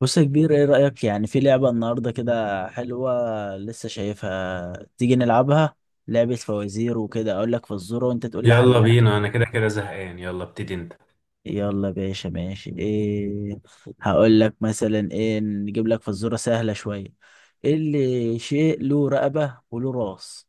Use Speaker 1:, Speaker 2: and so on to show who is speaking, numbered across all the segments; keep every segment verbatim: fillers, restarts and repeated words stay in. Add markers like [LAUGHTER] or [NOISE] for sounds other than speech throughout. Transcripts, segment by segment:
Speaker 1: بص يا كبير، ايه رأيك يعني في لعبة النهاردة كده؟ حلوة؟ لسه شايفها تيجي نلعبها. لعبة فوازير وكده، اقول لك فزورة وانت تقول لي
Speaker 2: يلا
Speaker 1: حلها.
Speaker 2: بينا، انا كده كده زهقان. يلا ابتدي انت.
Speaker 1: يلا يا باشا، ماشي. ايه هقول لك مثلا؟ ايه نجيب لك فزورة سهلة شوية. ايه اللي شيء له رقبة وله راس؟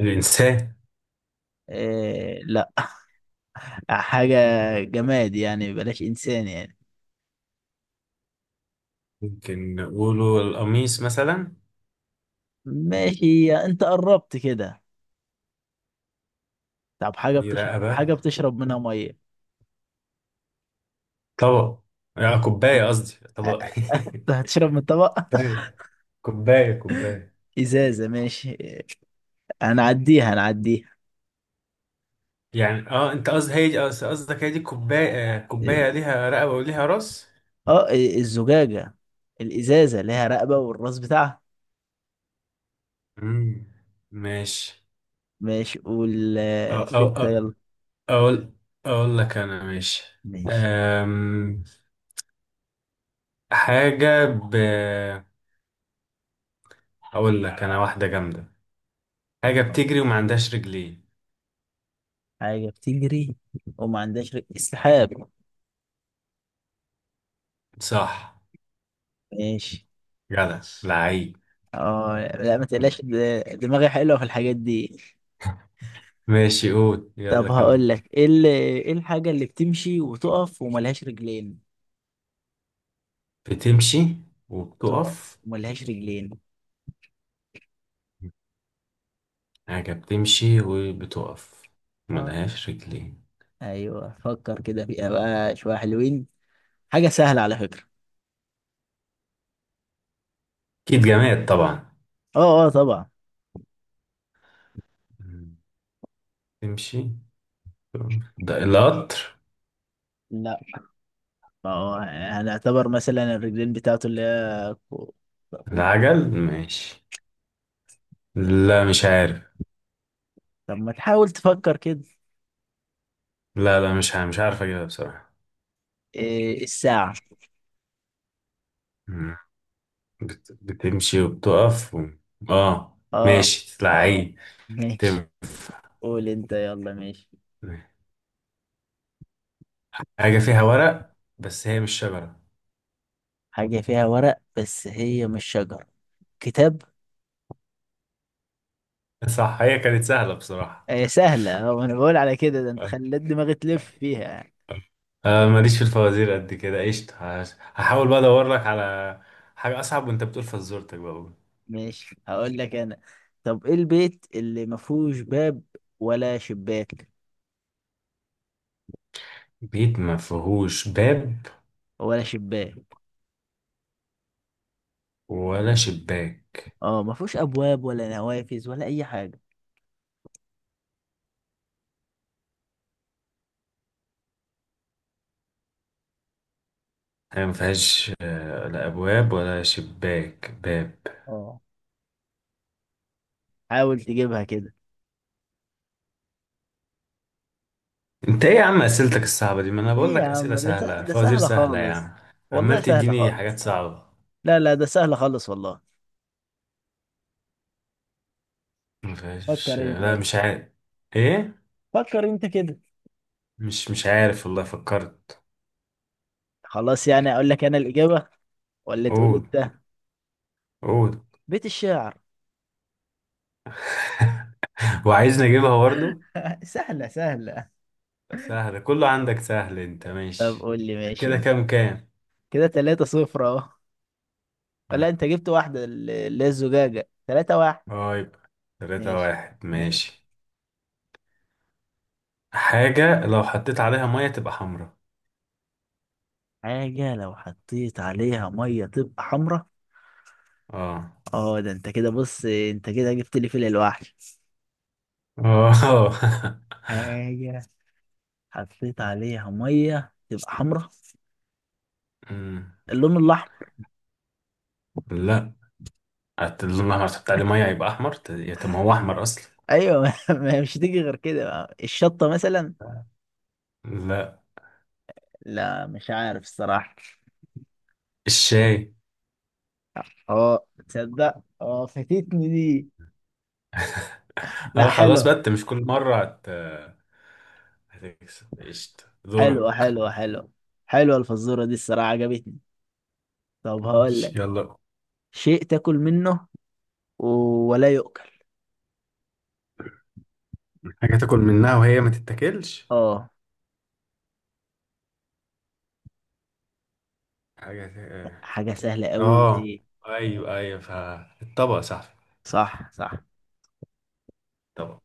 Speaker 2: الانسان.
Speaker 1: إيه، لا، حاجة جماد يعني، بلاش انسان يعني.
Speaker 2: ممكن نقوله القميص مثلا.
Speaker 1: ماشي، انت قربت كده. طب حاجة
Speaker 2: دي
Speaker 1: بتشرب،
Speaker 2: رقبه.
Speaker 1: حاجة بتشرب منها مية.
Speaker 2: طبق. آه، كوبايه قصدي طبق.
Speaker 1: [LAUGHS] هتشرب من الطبق؟
Speaker 2: [LAUGHS] كوبايه. كوبايه كوبايه.
Speaker 1: ازازه، ماشي. هنعديها هنعديها
Speaker 2: يعني اه انت قصدك هي دي قص- قصدك هي دي كوبايه، آه، كوبايه ليها رقبه وليها راس.
Speaker 1: اه، الزجاجه، الازازه ليها رقبه والراس بتاعها.
Speaker 2: امم ماشي.
Speaker 1: ماشي وال [LAUGHS] قول
Speaker 2: أو أو
Speaker 1: انت
Speaker 2: أو
Speaker 1: يلا.
Speaker 2: اقول اقول لك انا. ماشي.
Speaker 1: ماشي.
Speaker 2: أم... حاجه ب اقول لك انا واحده جامده. حاجه بتجري وما عندهاش رجلين.
Speaker 1: حاجه بتجري وما عندهاش رجل؟ السحاب.
Speaker 2: صح.
Speaker 1: ماشي.
Speaker 2: جدع لعيب.
Speaker 1: اه لا، ما تقلقش، د- دماغي حلوه في الحاجات دي.
Speaker 2: ماشي، قول يلا
Speaker 1: طب
Speaker 2: كمل.
Speaker 1: هقول لك ايه، ال- ايه الحاجه اللي بتمشي وتقف وملهاش رجلين؟
Speaker 2: بتمشي
Speaker 1: تقف
Speaker 2: وبتقف.
Speaker 1: وملهاش رجلين.
Speaker 2: حاجة بتمشي وبتقف،
Speaker 1: اه.
Speaker 2: ملهاش رجلين.
Speaker 1: ايوه، فكر كده فيها بقى شويه حلوين. حاجه سهله على فكره.
Speaker 2: أكيد جماد طبعا.
Speaker 1: اه اه، طبعا.
Speaker 2: تمشي. ده القطر.
Speaker 1: لا، ما هو هنعتبر مثلا الرجلين بتاعته اللي هي كو- كو-
Speaker 2: العجل ماشي. لا مش عارف.
Speaker 1: طب ما تحاول تفكر كده؟
Speaker 2: لا، لا، مش عارف، مش عارف أجيبها بصراحة.
Speaker 1: إيه الساعة.
Speaker 2: مم. بت... بتمشي وبتقف و... اه
Speaker 1: اه،
Speaker 2: ماشي لعيب.
Speaker 1: ماشي.
Speaker 2: تنفع.
Speaker 1: قول انت يلا. ماشي.
Speaker 2: حاجة فيها ورق بس هي مش شجرة.
Speaker 1: حاجة فيها ورق بس هي مش شجر؟ كتاب.
Speaker 2: صح، هي كانت سهلة بصراحة.
Speaker 1: إيه سهلة؟ اه، انا بقول على كده، ده انت
Speaker 2: آه،
Speaker 1: خليت دماغي تلف فيها يعني.
Speaker 2: آه. آه، ماليش في الفوازير قد كده. قشطة، هش- هحاول بقى ادور لك على حاجة اصعب، وانت بتقول فزورتك بقى، قول.
Speaker 1: ماشي، هقول لك انا. طب ايه البيت اللي ما فيهوش باب ولا شباك؟
Speaker 2: بيت ما فيهوش باب؟
Speaker 1: ولا شباك.
Speaker 2: ولا شباك؟
Speaker 1: اه، ما فيهوش ابواب ولا نوافذ ولا اي حاجة.
Speaker 2: هي ما فيهاش آه، لا ابواب ولا شباك، باب.
Speaker 1: اه، حاول تجيبها كده.
Speaker 2: انت ايه يا عم اسئلتك الصعبة دي؟ ما انا
Speaker 1: ايه
Speaker 2: بقول
Speaker 1: يا
Speaker 2: لك اسئلة
Speaker 1: عم؟ ده سه-
Speaker 2: سهلة،
Speaker 1: ده
Speaker 2: فوازير
Speaker 1: سهلة
Speaker 2: سهلة يا
Speaker 1: خالص،
Speaker 2: عم.
Speaker 1: والله
Speaker 2: عمال
Speaker 1: سهلة
Speaker 2: تديني حاجات
Speaker 1: خالص.
Speaker 2: صعبة.
Speaker 1: لا لا، ده سهلة خالص والله.
Speaker 2: ما فيهاش،
Speaker 1: فكر انت
Speaker 2: لا
Speaker 1: بس.
Speaker 2: مش عارف. ايه؟
Speaker 1: فكر انت كده.
Speaker 2: مش مش عارف، والله فكرت.
Speaker 1: خلاص يعني، اقول لك انا الإجابة ولا تقول
Speaker 2: قول.
Speaker 1: انت؟
Speaker 2: قول.
Speaker 1: بيت الشعر.
Speaker 2: [LAUGHS] وعايزني اجيبها برضه.
Speaker 1: [LAUGHS] سهلة سهلة.
Speaker 2: سهلة كله عندك سهل، انت
Speaker 1: طب
Speaker 2: ماشي.
Speaker 1: قول لي، ماشي
Speaker 2: كده
Speaker 1: انت.
Speaker 2: كام كام.
Speaker 1: كده تلاتة صفر اهو،
Speaker 2: مم.
Speaker 1: ولا انت جبت واحدة ال- اللي هي الزجاجة؟ تلاتة واحد.
Speaker 2: اه يبقى تلاتة
Speaker 1: ماشي
Speaker 2: واحد
Speaker 1: ماشي.
Speaker 2: ماشي. حاجة لو حطيت عليها مية تبقى حمرا.
Speaker 1: حاجة لو حطيت عليها مية تبقى حمرا.
Speaker 2: اه،
Speaker 1: اه، ده انت كده بص، انت كده جبت لي فيل الوحش.
Speaker 2: اه.
Speaker 1: حاجة حطيت عليها ميه تبقى حمراء.
Speaker 2: [LAUGHS] مم.
Speaker 1: اللون الاحمر.
Speaker 2: لا، قلت لهم لما تحط عليه مية يبقى احمر، ت- يا طب ما هو احمر اصلا.
Speaker 1: ايوه، [LAUGHS] ما هي مش هتيجي غير كده بقى. الشطه مثلا.
Speaker 2: لا.
Speaker 1: لا مش عارف الصراحه.
Speaker 2: الشاي.
Speaker 1: اه، تصدق اه فاتتني دي.
Speaker 2: [LAUGHS] اه
Speaker 1: لا،
Speaker 2: خلاص بقى،
Speaker 1: حلو
Speaker 2: انت مش كل مرة هت... هتكسب. قشطة،
Speaker 1: حلو
Speaker 2: دورك.
Speaker 1: حلو. حلو، حلوه الفزوره دي الصراحه، عجبتني. طب هقول لك،
Speaker 2: ماشي، يلا.
Speaker 1: شيء تاكل منه و- ولا يؤكل.
Speaker 2: حاجة تاكل منها وهي ما تتاكلش.
Speaker 1: اه،
Speaker 2: حاجة.
Speaker 1: حاجه سهله قوي
Speaker 2: اه،
Speaker 1: دي.
Speaker 2: ايوه ايوه، فالطبق صح.
Speaker 1: صح صح،
Speaker 2: الطبق.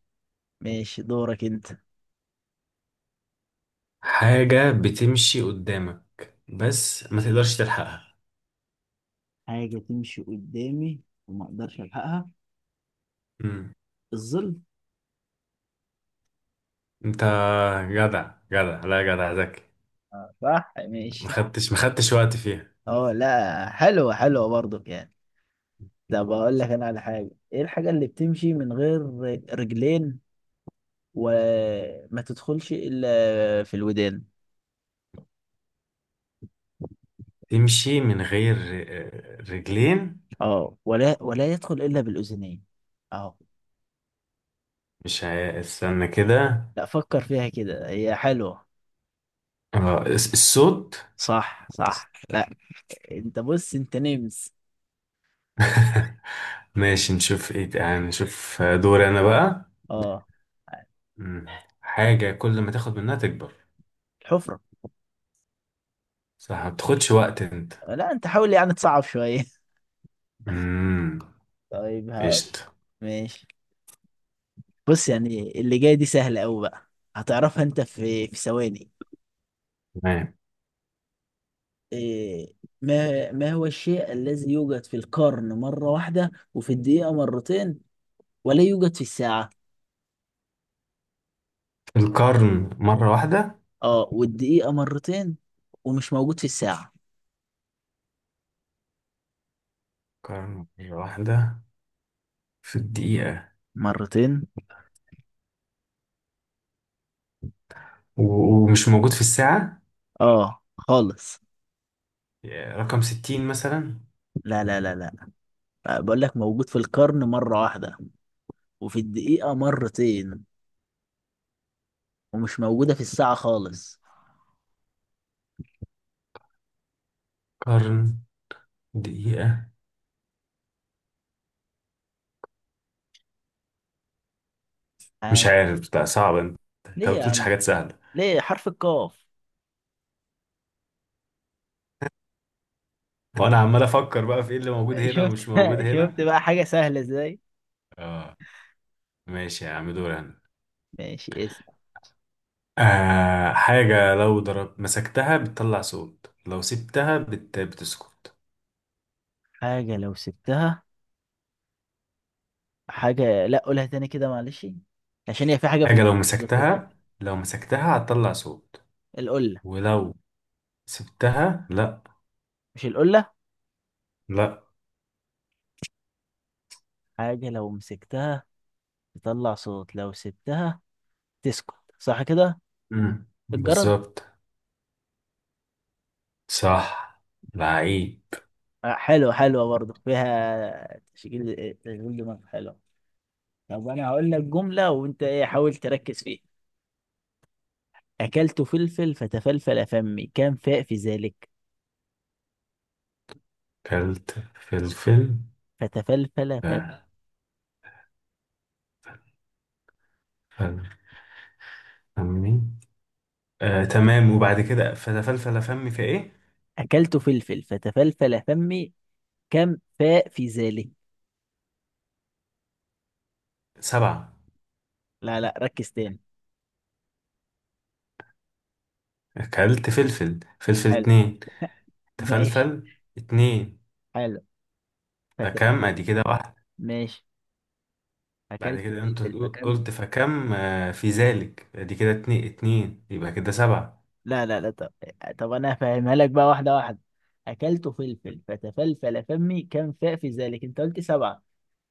Speaker 1: ماشي. دورك انت.
Speaker 2: حاجة بتمشي قدامك، بس ما تقدرش تلحقها.
Speaker 1: حاجة تمشي قدامي وما اقدرش الحقها؟
Speaker 2: مم.
Speaker 1: الظل.
Speaker 2: انت جدع جدع، لا، جدع ذكي.
Speaker 1: آه، صح،
Speaker 2: ما
Speaker 1: ماشي.
Speaker 2: خدتش ما خدتش وقت فيها.
Speaker 1: اه لا، حلوة حلوة برضك يعني. طب اقول لك انا على حاجة، ايه الحاجة اللي بتمشي من غير رجلين وما تدخلش الا في الودان؟
Speaker 2: تمشي من غير ر- رجلين.
Speaker 1: اه، ولا ولا يدخل الا بالاذنين. اه.
Speaker 2: مش هي... استنى كده.
Speaker 1: لا، فكر فيها كده، هي حلوة.
Speaker 2: آه، الس- الصوت.
Speaker 1: صح صح، لا، انت بص، انت نمس.
Speaker 2: [LAUGHS] ماشي، نشوف ايه يعني، نشوف دوري انا بقى.
Speaker 1: اه
Speaker 2: مم. حاجة كل ما تاخد منها تكبر.
Speaker 1: الحفرة.
Speaker 2: صح، ما بتاخدش وقت انت.
Speaker 1: لا، انت حاول يعني تصعب شوية. [LAUGHS]
Speaker 2: مم.
Speaker 1: طيب هقول.
Speaker 2: قشطة.
Speaker 1: ماشي. بص، يعني اللي جاي دي سهلة قوي بقى، هتعرفها انت في في ثواني.
Speaker 2: تمام.
Speaker 1: إيه، ما ما هو الشيء الذي يوجد في القرن مرة واحدة وفي الدقيقة مرتين ولا يوجد في الساعة؟
Speaker 2: القرن مرة واحدة.
Speaker 1: اه، والدقيقة مرتين ومش موجود في الساعة
Speaker 2: قرن مرة واحدة. في الدقيقة.
Speaker 1: مرتين.
Speaker 2: و- ومش موجود في الساعة.
Speaker 1: اه خالص.
Speaker 2: يا رقم ستين مثلا؟
Speaker 1: لا لا لا لا. آه، بقول لك موجود في القرن مرة واحدة وفي الدقيقة مرتين ومش موجودة في الساعة خالص.
Speaker 2: قرن. دقيقة. مش
Speaker 1: آه.
Speaker 2: عارف، ده صعب انت. انت
Speaker 1: ليه
Speaker 2: ما
Speaker 1: يا
Speaker 2: بتقولش
Speaker 1: عم؟
Speaker 2: حاجات سهلة.
Speaker 1: ليه؟ حرف القاف.
Speaker 2: وانا عمال افكر بقى في ايه اللي موجود هنا
Speaker 1: شفت؟
Speaker 2: ومش موجود
Speaker 1: [LAUGHS] شفت
Speaker 2: هنا.
Speaker 1: بقى حاجة سهلة ازاي؟
Speaker 2: اه ماشي يا عم، دور انا.
Speaker 1: ماشي. اسم
Speaker 2: آه، حاجة لو ضرب مسكتها بتطلع صوت، لو سبتها بت... بتسكت.
Speaker 1: حاجة لو سبتها، حاجة، لا قولها تاني كده معلش، عشان هي في حاجة، في
Speaker 2: حاجة لو
Speaker 1: بتتأكد.
Speaker 2: مسكتها. لو مسكتها هتطلع صوت.
Speaker 1: القلة.
Speaker 2: ولو سبتها لا.
Speaker 1: مش القلة.
Speaker 2: لا.
Speaker 1: حاجة لو مسكتها تطلع صوت، لو سبتها تسكت، صح كده؟
Speaker 2: مم.
Speaker 1: الجرد.
Speaker 2: بالظبط. صح. لعيب.
Speaker 1: آه، حلوة حلوة برضه، فيها تشغيل تشغيل دماغ حلو. طب أنا هقول لك جملة وأنت إيه، حاول تركز فيها. أكلت فلفل فتفلفل فمي، كم فاء في ذلك؟
Speaker 2: كلت فلفل
Speaker 1: فتفلفل فمي.
Speaker 2: فلفل فمي. آه تمام، وبعد كده فتفلفل فمي في ايه؟
Speaker 1: أكلت فلفل فتفلفل فمي، كم فاء في ذلك؟
Speaker 2: سبعة.
Speaker 1: لا لا، ركز تاني.
Speaker 2: اكلت فلفل، فلفل
Speaker 1: حلو.
Speaker 2: اتنين.
Speaker 1: ماشي.
Speaker 2: تفلفل اتنين.
Speaker 1: حلو. فت...
Speaker 2: فكم ادي كده واحد.
Speaker 1: ماشي.
Speaker 2: بعد
Speaker 1: اكلت
Speaker 2: كده انت
Speaker 1: فلفل
Speaker 2: قل-
Speaker 1: فكم.
Speaker 2: قلت فكم، آه في ذلك ادي كده اتنين، اتنين، يبقى كده سبعة.
Speaker 1: لا لا لا، طب، طب انا هفهمها لك بقى واحده واحده. اكلت فلفل فتفلفل فمي كم فاء في ذلك، انت قلت سبعه.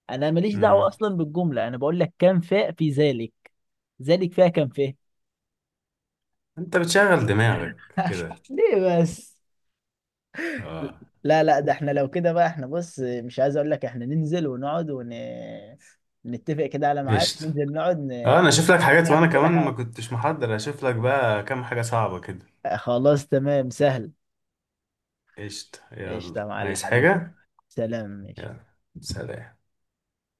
Speaker 1: انا ماليش دعوه
Speaker 2: مم.
Speaker 1: اصلا بالجمله، انا بقول لك كم فاء في ذلك؟ ذلك فيها كم فاء.
Speaker 2: انت بتشغل دماغك كده.
Speaker 1: [LAUGHS] ليه بس؟
Speaker 2: اه.
Speaker 1: لا لا، ده احنا لو كده بقى احنا، بص، مش عايز اقول لك احنا ننزل ونقعد ون... نتفق كده على ميعاد
Speaker 2: قشطة،
Speaker 1: ننزل نقعد
Speaker 2: اه
Speaker 1: ن...
Speaker 2: انا اشوف لك حاجات، وانا
Speaker 1: نعمل كل
Speaker 2: كمان ما
Speaker 1: حاجه.
Speaker 2: كنتش محضر. اشوف لك بقى كام حاجة صعبة كده.
Speaker 1: خلاص، تمام، سهل.
Speaker 2: قشطة، يلا
Speaker 1: قشطه يا معلم
Speaker 2: عايز
Speaker 1: حبيبي،
Speaker 2: حاجة.
Speaker 1: سلام، ماشي.
Speaker 2: يلا. سلام.